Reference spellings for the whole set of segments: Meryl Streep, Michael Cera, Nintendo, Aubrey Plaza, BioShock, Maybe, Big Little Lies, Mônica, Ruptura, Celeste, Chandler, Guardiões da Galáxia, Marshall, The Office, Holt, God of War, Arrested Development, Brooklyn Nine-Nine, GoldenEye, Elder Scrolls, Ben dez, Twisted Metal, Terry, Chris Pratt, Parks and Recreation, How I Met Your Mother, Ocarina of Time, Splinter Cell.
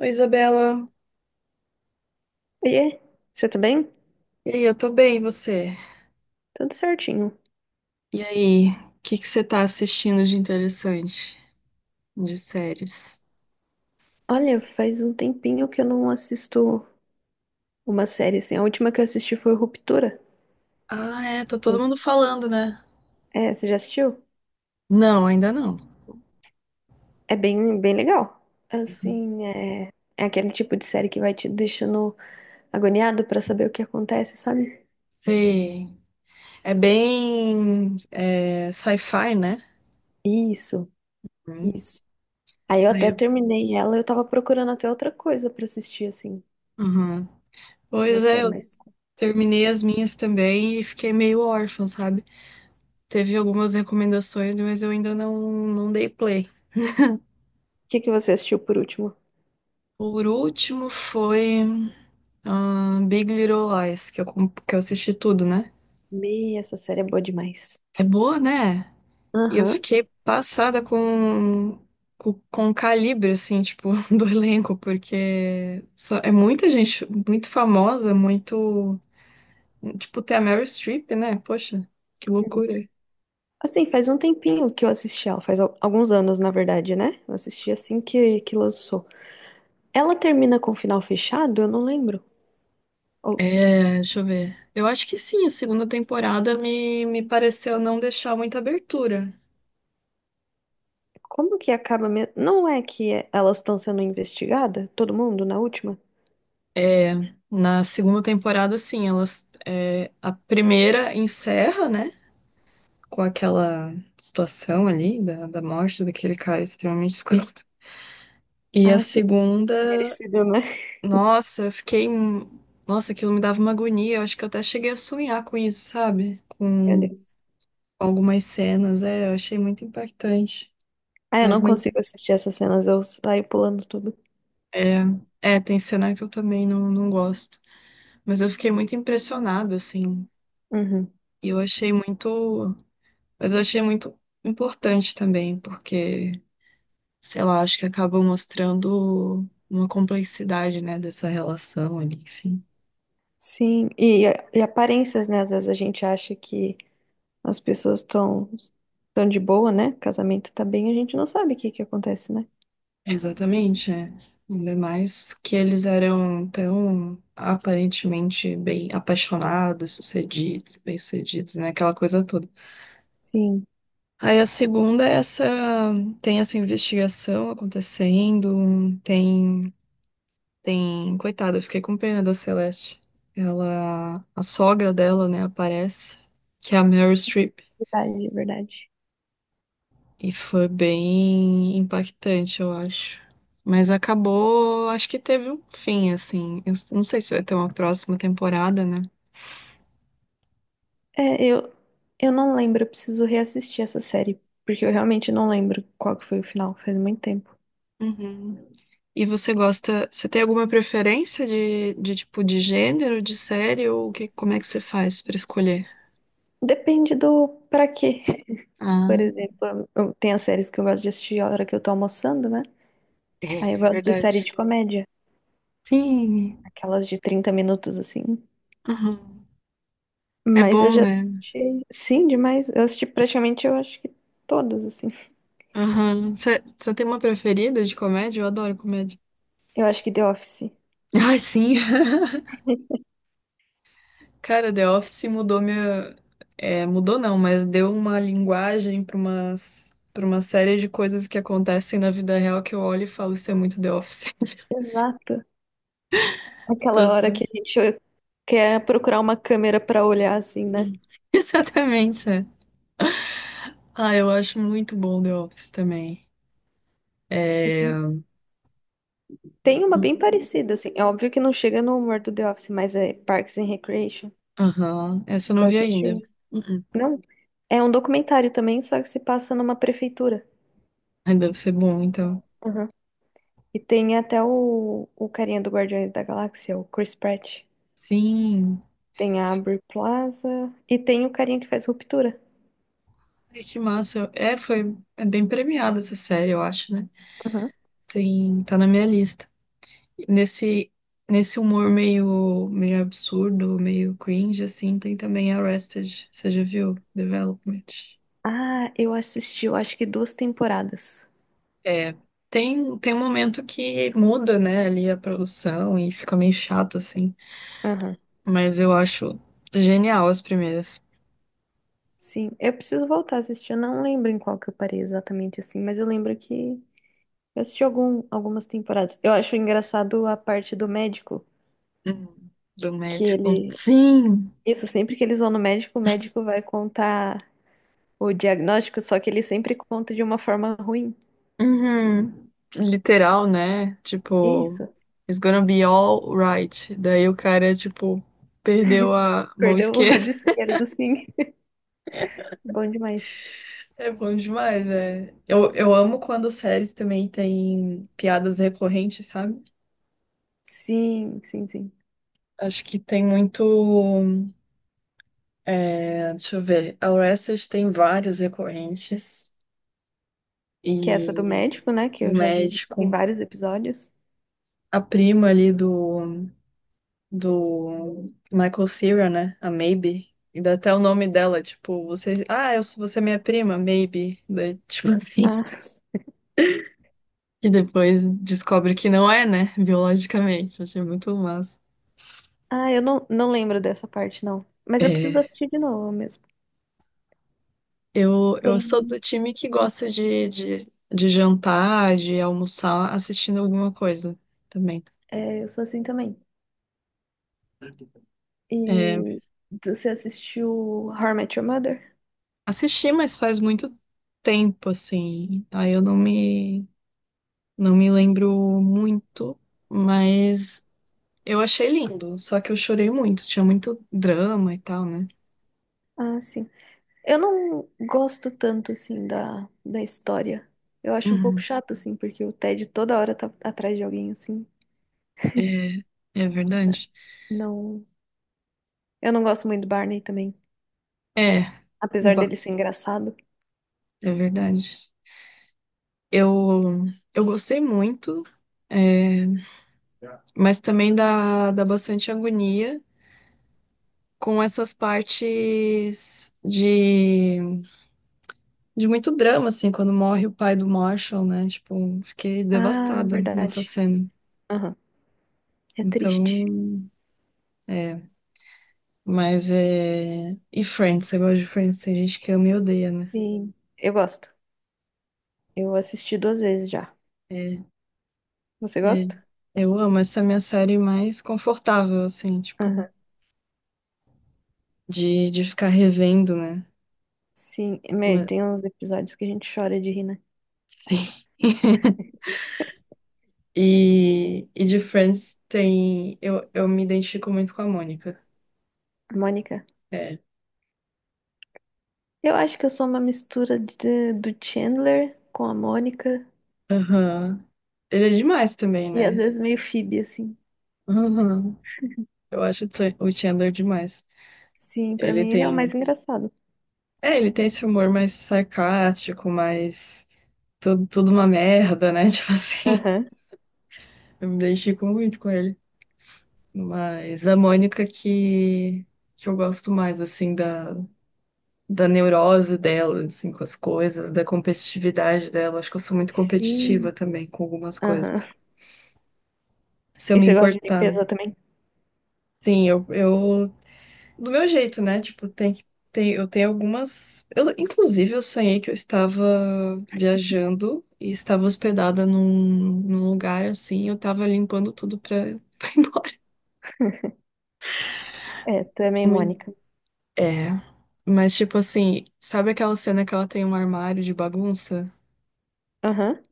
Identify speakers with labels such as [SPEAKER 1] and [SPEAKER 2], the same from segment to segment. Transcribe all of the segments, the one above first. [SPEAKER 1] Oi, Isabela.
[SPEAKER 2] Oiê, você tá bem?
[SPEAKER 1] E aí, eu tô bem, e você?
[SPEAKER 2] Tudo certinho.
[SPEAKER 1] E aí, o que que você tá assistindo de interessante, de séries?
[SPEAKER 2] Olha, faz um tempinho que eu não assisto uma série assim. A última que eu assisti foi Ruptura.
[SPEAKER 1] Ah, é, tá todo
[SPEAKER 2] Nossa.
[SPEAKER 1] mundo falando, né?
[SPEAKER 2] É, você já assistiu?
[SPEAKER 1] Não, ainda não.
[SPEAKER 2] É bem, bem legal. Assim, é aquele tipo de série que vai te deixando agoniado pra saber o que acontece, sabe?
[SPEAKER 1] Sei. É bem sci-fi, né?
[SPEAKER 2] Isso,
[SPEAKER 1] Hum.
[SPEAKER 2] isso. Aí eu
[SPEAKER 1] Aí
[SPEAKER 2] até
[SPEAKER 1] eu-
[SPEAKER 2] terminei ela, eu tava procurando até outra coisa pra assistir, assim,
[SPEAKER 1] Uhum.
[SPEAKER 2] uma
[SPEAKER 1] Pois é,
[SPEAKER 2] série
[SPEAKER 1] eu
[SPEAKER 2] mais. O
[SPEAKER 1] terminei as minhas também e fiquei meio órfã, sabe? Teve algumas recomendações, mas eu ainda não dei play.
[SPEAKER 2] que que você assistiu por último?
[SPEAKER 1] Por último foi Big Little Lies, que eu assisti tudo, né?
[SPEAKER 2] Meia, essa série é boa demais.
[SPEAKER 1] É boa, né? E eu
[SPEAKER 2] Aham.
[SPEAKER 1] fiquei passada com o calibre, assim, tipo, do elenco, porque é muita gente muito famosa, muito. Tipo, tem a Meryl Streep, né? Poxa, que loucura.
[SPEAKER 2] Assim, faz um tempinho que eu assisti ela, faz alguns anos, na verdade, né? Eu assisti assim que lançou. Ela termina com o final fechado? Eu não lembro. Ou
[SPEAKER 1] É, deixa eu ver. Eu acho que sim, a segunda temporada me pareceu não deixar muita abertura.
[SPEAKER 2] como que acaba mesmo? Não é que é- elas estão sendo investigadas? Todo mundo na última?
[SPEAKER 1] É, na segunda temporada, sim, elas. A primeira encerra, né? Com aquela situação ali da morte daquele cara extremamente escroto. E a
[SPEAKER 2] Ah, sim.
[SPEAKER 1] segunda,
[SPEAKER 2] Merecido, né?
[SPEAKER 1] nossa, eu fiquei. Nossa, aquilo me dava uma agonia. Eu acho que eu até cheguei a sonhar com isso, sabe?
[SPEAKER 2] Meu
[SPEAKER 1] Com
[SPEAKER 2] Deus.
[SPEAKER 1] algumas cenas. É, eu achei muito impactante.
[SPEAKER 2] Ah, eu
[SPEAKER 1] Mas
[SPEAKER 2] não
[SPEAKER 1] muito.
[SPEAKER 2] consigo assistir essas cenas, eu saio pulando tudo.
[SPEAKER 1] É, é, tem cena que eu também não gosto. Mas eu fiquei muito impressionada, assim.
[SPEAKER 2] Uhum.
[SPEAKER 1] E eu achei muito. Mas eu achei muito importante também, porque. Sei lá, acho que acaba mostrando uma complexidade, né, dessa relação ali, enfim.
[SPEAKER 2] Sim, e aparências, né? Às vezes a gente acha que as pessoas estão de boa, né? Casamento tá bem, a gente não sabe o que que acontece, né?
[SPEAKER 1] Exatamente, é. Ainda mais que eles eram tão aparentemente bem apaixonados, sucedidos, bem-sucedidos, né? Aquela coisa toda.
[SPEAKER 2] Sim.
[SPEAKER 1] Aí a segunda é essa, tem essa investigação acontecendo, tem, coitada, eu fiquei com pena da Celeste. Ela, a sogra dela, né, aparece, que é a Meryl Streep.
[SPEAKER 2] Verdade.
[SPEAKER 1] E foi bem impactante, eu acho. Mas acabou, acho que teve um fim, assim. Não sei se vai ter uma próxima temporada, né?
[SPEAKER 2] É, eu não lembro, eu preciso reassistir essa série, porque eu realmente não lembro qual que foi o final, faz muito tempo.
[SPEAKER 1] Uhum. E você gosta, você tem alguma preferência de tipo de gênero, de série, ou o que, como é que você faz pra escolher?
[SPEAKER 2] Depende do pra quê. Por
[SPEAKER 1] Ah,
[SPEAKER 2] exemplo, eu, tem as séries que eu gosto de assistir a hora que eu tô almoçando, né? Aí eu
[SPEAKER 1] é
[SPEAKER 2] gosto de série
[SPEAKER 1] verdade.
[SPEAKER 2] de comédia,
[SPEAKER 1] Sim.
[SPEAKER 2] aquelas de 30 minutos assim.
[SPEAKER 1] Uhum. É
[SPEAKER 2] Mas eu
[SPEAKER 1] bom,
[SPEAKER 2] já
[SPEAKER 1] né?
[SPEAKER 2] assisti, sim, demais. Eu assisti praticamente, eu acho que todas, assim.
[SPEAKER 1] Aham. Você tem uma preferida de comédia? Eu adoro comédia.
[SPEAKER 2] Eu acho que The Office.
[SPEAKER 1] Ai, sim. Cara, The Office mudou minha. É, mudou não, mas deu uma linguagem para uma série de coisas que acontecem na vida real que eu olho e falo, isso é muito The Office.
[SPEAKER 2] Exato.
[SPEAKER 1] Tô
[SPEAKER 2] Aquela hora
[SPEAKER 1] certo.
[SPEAKER 2] que a gente quer procurar uma câmera pra olhar, assim, né?
[SPEAKER 1] Exatamente, é. Ah, eu acho muito bom The Office também. É.
[SPEAKER 2] Tem uma
[SPEAKER 1] Hum,
[SPEAKER 2] bem parecida, assim. É óbvio que não chega no humor do The Office, mas é Parks and Recreation.
[SPEAKER 1] aham, essa eu
[SPEAKER 2] Tu
[SPEAKER 1] não vi ainda.
[SPEAKER 2] assistiu?
[SPEAKER 1] Uh-uh.
[SPEAKER 2] Não. É um documentário também, só que se passa numa prefeitura.
[SPEAKER 1] Ai, deve ser bom, então.
[SPEAKER 2] Uhum. E tem até o carinha do Guardiões da Galáxia, o Chris Pratt.
[SPEAKER 1] Sim.
[SPEAKER 2] Tem a Aubrey Plaza. E tem o carinha que faz Ruptura.
[SPEAKER 1] Ai, que massa. É, foi. É bem premiada essa série, eu acho, né?
[SPEAKER 2] Uhum.
[SPEAKER 1] Tá na minha lista. Nesse, nesse humor meio absurdo, meio cringe, assim, tem também Arrested, você já viu? Development.
[SPEAKER 2] Ah, eu assisti, eu acho que duas temporadas.
[SPEAKER 1] É. Tem um momento que muda, né, ali a produção e fica meio chato, assim.
[SPEAKER 2] Aham.
[SPEAKER 1] Mas eu acho genial as primeiras.
[SPEAKER 2] Sim, eu preciso voltar a assistir. Eu não lembro em qual que eu parei exatamente assim, mas eu lembro que eu assisti algum, algumas temporadas. Eu acho engraçado a parte do médico,
[SPEAKER 1] Hum, Do
[SPEAKER 2] que
[SPEAKER 1] médico.
[SPEAKER 2] ele.
[SPEAKER 1] Sim!
[SPEAKER 2] Isso, sempre que eles vão no médico, o médico vai contar o diagnóstico, só que ele sempre conta de uma forma ruim.
[SPEAKER 1] Uhum. Literal, né? Tipo,
[SPEAKER 2] Isso.
[SPEAKER 1] it's gonna be all right. Daí o cara, tipo, perdeu a mão
[SPEAKER 2] Perdeu o
[SPEAKER 1] esquerda.
[SPEAKER 2] lado esquerdo, sim. Bom demais.
[SPEAKER 1] É bom demais, né? Eu amo quando séries também tem piadas recorrentes, sabe?
[SPEAKER 2] Sim, sim, sim.
[SPEAKER 1] Acho que tem muito. É, deixa eu ver. A Orestes tem várias recorrentes.
[SPEAKER 2] Que é essa do
[SPEAKER 1] E
[SPEAKER 2] médico, né? Que
[SPEAKER 1] do
[SPEAKER 2] eu já vi em
[SPEAKER 1] médico.
[SPEAKER 2] vários episódios.
[SPEAKER 1] A prima ali do Michael Cera, né? A Maybe. E dá até o nome dela, tipo, você. Você é minha prima, Maybe. Daí, tipo,
[SPEAKER 2] Ah,
[SPEAKER 1] e depois descobre que não é, né? Biologicamente. Achei muito massa.
[SPEAKER 2] ah, eu não lembro dessa parte, não. Mas eu preciso
[SPEAKER 1] É.
[SPEAKER 2] assistir de novo mesmo.
[SPEAKER 1] Eu sou
[SPEAKER 2] Tem.
[SPEAKER 1] do time que gosta de jantar, de almoçar, assistindo alguma coisa também.
[SPEAKER 2] É, eu sou assim também.
[SPEAKER 1] É,
[SPEAKER 2] E você assistiu How I Met Your Mother?
[SPEAKER 1] assisti, mas faz muito tempo, assim. Aí eu não me lembro muito, mas eu achei lindo. Só que eu chorei muito, tinha muito drama e tal, né?
[SPEAKER 2] Ah, sim. Eu não gosto tanto, assim, da história. Eu acho um pouco
[SPEAKER 1] Uhum.
[SPEAKER 2] chato, assim, porque o Ted toda hora tá atrás de alguém, assim.
[SPEAKER 1] É, é verdade.
[SPEAKER 2] Não... Eu não gosto muito do Barney também,
[SPEAKER 1] É,
[SPEAKER 2] apesar
[SPEAKER 1] ba-
[SPEAKER 2] dele ser engraçado.
[SPEAKER 1] é verdade. Eu, eu gostei muito. É, mas também dá bastante agonia com essas partes de muito drama, assim, quando morre o pai do Marshall, né? Tipo, fiquei
[SPEAKER 2] Ah, é
[SPEAKER 1] devastada nessa
[SPEAKER 2] verdade.
[SPEAKER 1] cena.
[SPEAKER 2] Aham, é triste.
[SPEAKER 1] Então, é, mas é. E Friends, eu gosto de Friends, tem gente que ama e odeia, né?
[SPEAKER 2] Sim, eu gosto. Eu assisti duas vezes já.
[SPEAKER 1] É,
[SPEAKER 2] Você
[SPEAKER 1] é.
[SPEAKER 2] gosta?
[SPEAKER 1] Eu amo essa é a minha série mais confortável, assim,
[SPEAKER 2] Aham.
[SPEAKER 1] tipo, de ficar revendo, né?
[SPEAKER 2] Sim, meu,
[SPEAKER 1] Mas-
[SPEAKER 2] tem uns episódios que a gente chora de rir, né?
[SPEAKER 1] Sim. E de Friends tem. Eu me identifico muito com a Mônica.
[SPEAKER 2] Mônica.
[SPEAKER 1] É.
[SPEAKER 2] Eu acho que eu sou uma mistura de- do Chandler com a Mônica
[SPEAKER 1] Aham. Ele é demais também,
[SPEAKER 2] e às
[SPEAKER 1] né?
[SPEAKER 2] vezes meio Phoebe, assim.
[SPEAKER 1] Aham. Eu acho o Chandler demais.
[SPEAKER 2] Sim, pra
[SPEAKER 1] Ele
[SPEAKER 2] mim ele é o
[SPEAKER 1] tem.
[SPEAKER 2] mais engraçado.
[SPEAKER 1] É, ele tem esse humor mais sarcástico, mais. Tudo uma merda, né? Tipo assim.
[SPEAKER 2] Aham.
[SPEAKER 1] Eu me identifico muito com ele. Mas a Mônica que. Que eu gosto mais, assim, da neurose dela, assim, com as coisas, da competitividade dela. Acho que eu sou muito competitiva
[SPEAKER 2] Sim.
[SPEAKER 1] também com algumas coisas.
[SPEAKER 2] Aham.
[SPEAKER 1] Se eu
[SPEAKER 2] E
[SPEAKER 1] me
[SPEAKER 2] você gosta de
[SPEAKER 1] importar, né?
[SPEAKER 2] limpeza também?
[SPEAKER 1] Sim, eu do meu jeito, né? Tipo, eu tenho algumas. Eu, inclusive, eu sonhei que eu estava viajando e estava hospedada num lugar assim, e eu estava limpando tudo pra, pra ir embora.
[SPEAKER 2] É, também,
[SPEAKER 1] Muito-
[SPEAKER 2] Mônica.
[SPEAKER 1] É. Mas, tipo assim, sabe aquela cena que ela tem um armário de bagunça?
[SPEAKER 2] Aham.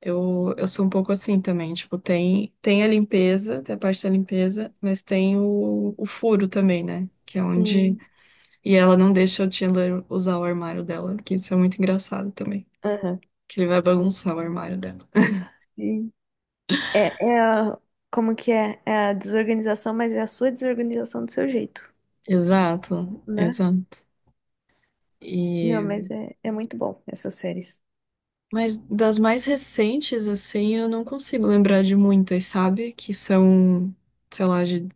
[SPEAKER 1] Eu sou um pouco assim também, tipo, tem a limpeza, tem a parte da limpeza, mas tem o furo também, né? Que é onde.
[SPEAKER 2] Sim.
[SPEAKER 1] E ela não deixa o Chandler usar o armário dela, que isso é muito engraçado também.
[SPEAKER 2] Aham.
[SPEAKER 1] Que ele vai bagunçar o armário dela.
[SPEAKER 2] Sim. É, como que é? É a desorganização, mas é a sua desorganização do seu jeito,
[SPEAKER 1] Exato,
[SPEAKER 2] né?
[SPEAKER 1] exato.
[SPEAKER 2] Meu,
[SPEAKER 1] E...
[SPEAKER 2] mas é muito bom essas séries.
[SPEAKER 1] Mas das mais recentes, assim, eu não consigo lembrar de muitas, sabe? Que são, sei lá,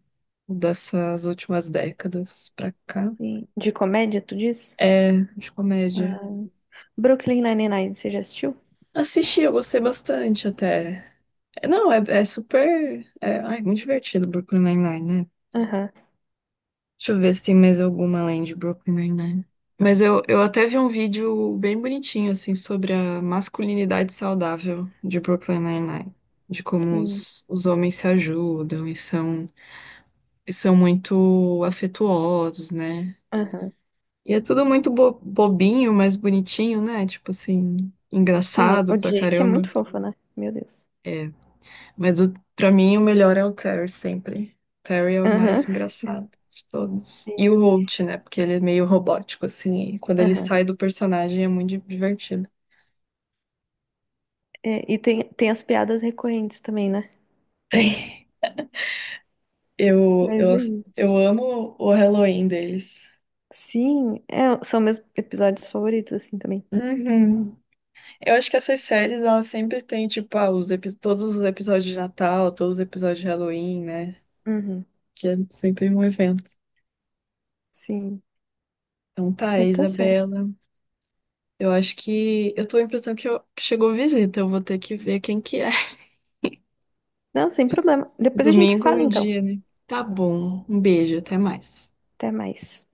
[SPEAKER 1] dessas últimas décadas pra cá.
[SPEAKER 2] Sim. De comédia, tu diz?
[SPEAKER 1] É, de comédia.
[SPEAKER 2] Ah, Brooklyn Nine-Nine, você já assistiu?
[SPEAKER 1] Assisti, eu gostei bastante até. É, não, é super. É, ai, muito divertido Brooklyn Nine-Nine, né?
[SPEAKER 2] Aham.
[SPEAKER 1] Deixa eu ver se tem mais alguma além de Brooklyn Nine-Nine. Mas eu até vi um vídeo bem bonitinho, assim, sobre a masculinidade saudável de Brooklyn Nine-Nine. De como
[SPEAKER 2] Sim.
[SPEAKER 1] os homens se ajudam e são muito afetuosos, né?
[SPEAKER 2] Aham.
[SPEAKER 1] E é tudo muito bobinho, mas bonitinho, né? Tipo assim,
[SPEAKER 2] Sim,
[SPEAKER 1] engraçado
[SPEAKER 2] o
[SPEAKER 1] pra
[SPEAKER 2] Jake é muito
[SPEAKER 1] caramba.
[SPEAKER 2] fofo, né? Meu Deus.
[SPEAKER 1] É, mas pra mim o melhor é o Terry sempre. Terry é o
[SPEAKER 2] Aham.
[SPEAKER 1] mais engraçado de todos.
[SPEAKER 2] Sim.
[SPEAKER 1] E o Holt, né? Porque ele é meio robótico, assim. E quando ele
[SPEAKER 2] Aham.
[SPEAKER 1] sai do personagem é muito divertido.
[SPEAKER 2] É, e tem as piadas recorrentes também, né?
[SPEAKER 1] Eu,
[SPEAKER 2] Mas
[SPEAKER 1] eu,
[SPEAKER 2] é isso.
[SPEAKER 1] eu amo o Halloween deles.
[SPEAKER 2] Sim, é, são meus episódios favoritos, assim, também.
[SPEAKER 1] Uhum. Eu acho que essas séries, elas sempre têm, tipo, todos os episódios de Natal, todos os episódios de Halloween, né?
[SPEAKER 2] Uhum.
[SPEAKER 1] Que é sempre um evento.
[SPEAKER 2] Sim.
[SPEAKER 1] Então tá,
[SPEAKER 2] Mas tá certo.
[SPEAKER 1] Isabela. Eu acho que. Eu tô com a impressão que chegou visita. Eu vou ter que ver quem que é.
[SPEAKER 2] Não, sem problema. Depois a gente se
[SPEAKER 1] Domingo
[SPEAKER 2] fala,
[SPEAKER 1] é o
[SPEAKER 2] então.
[SPEAKER 1] dia, né? Tá bom. Um beijo, até mais.
[SPEAKER 2] Até mais.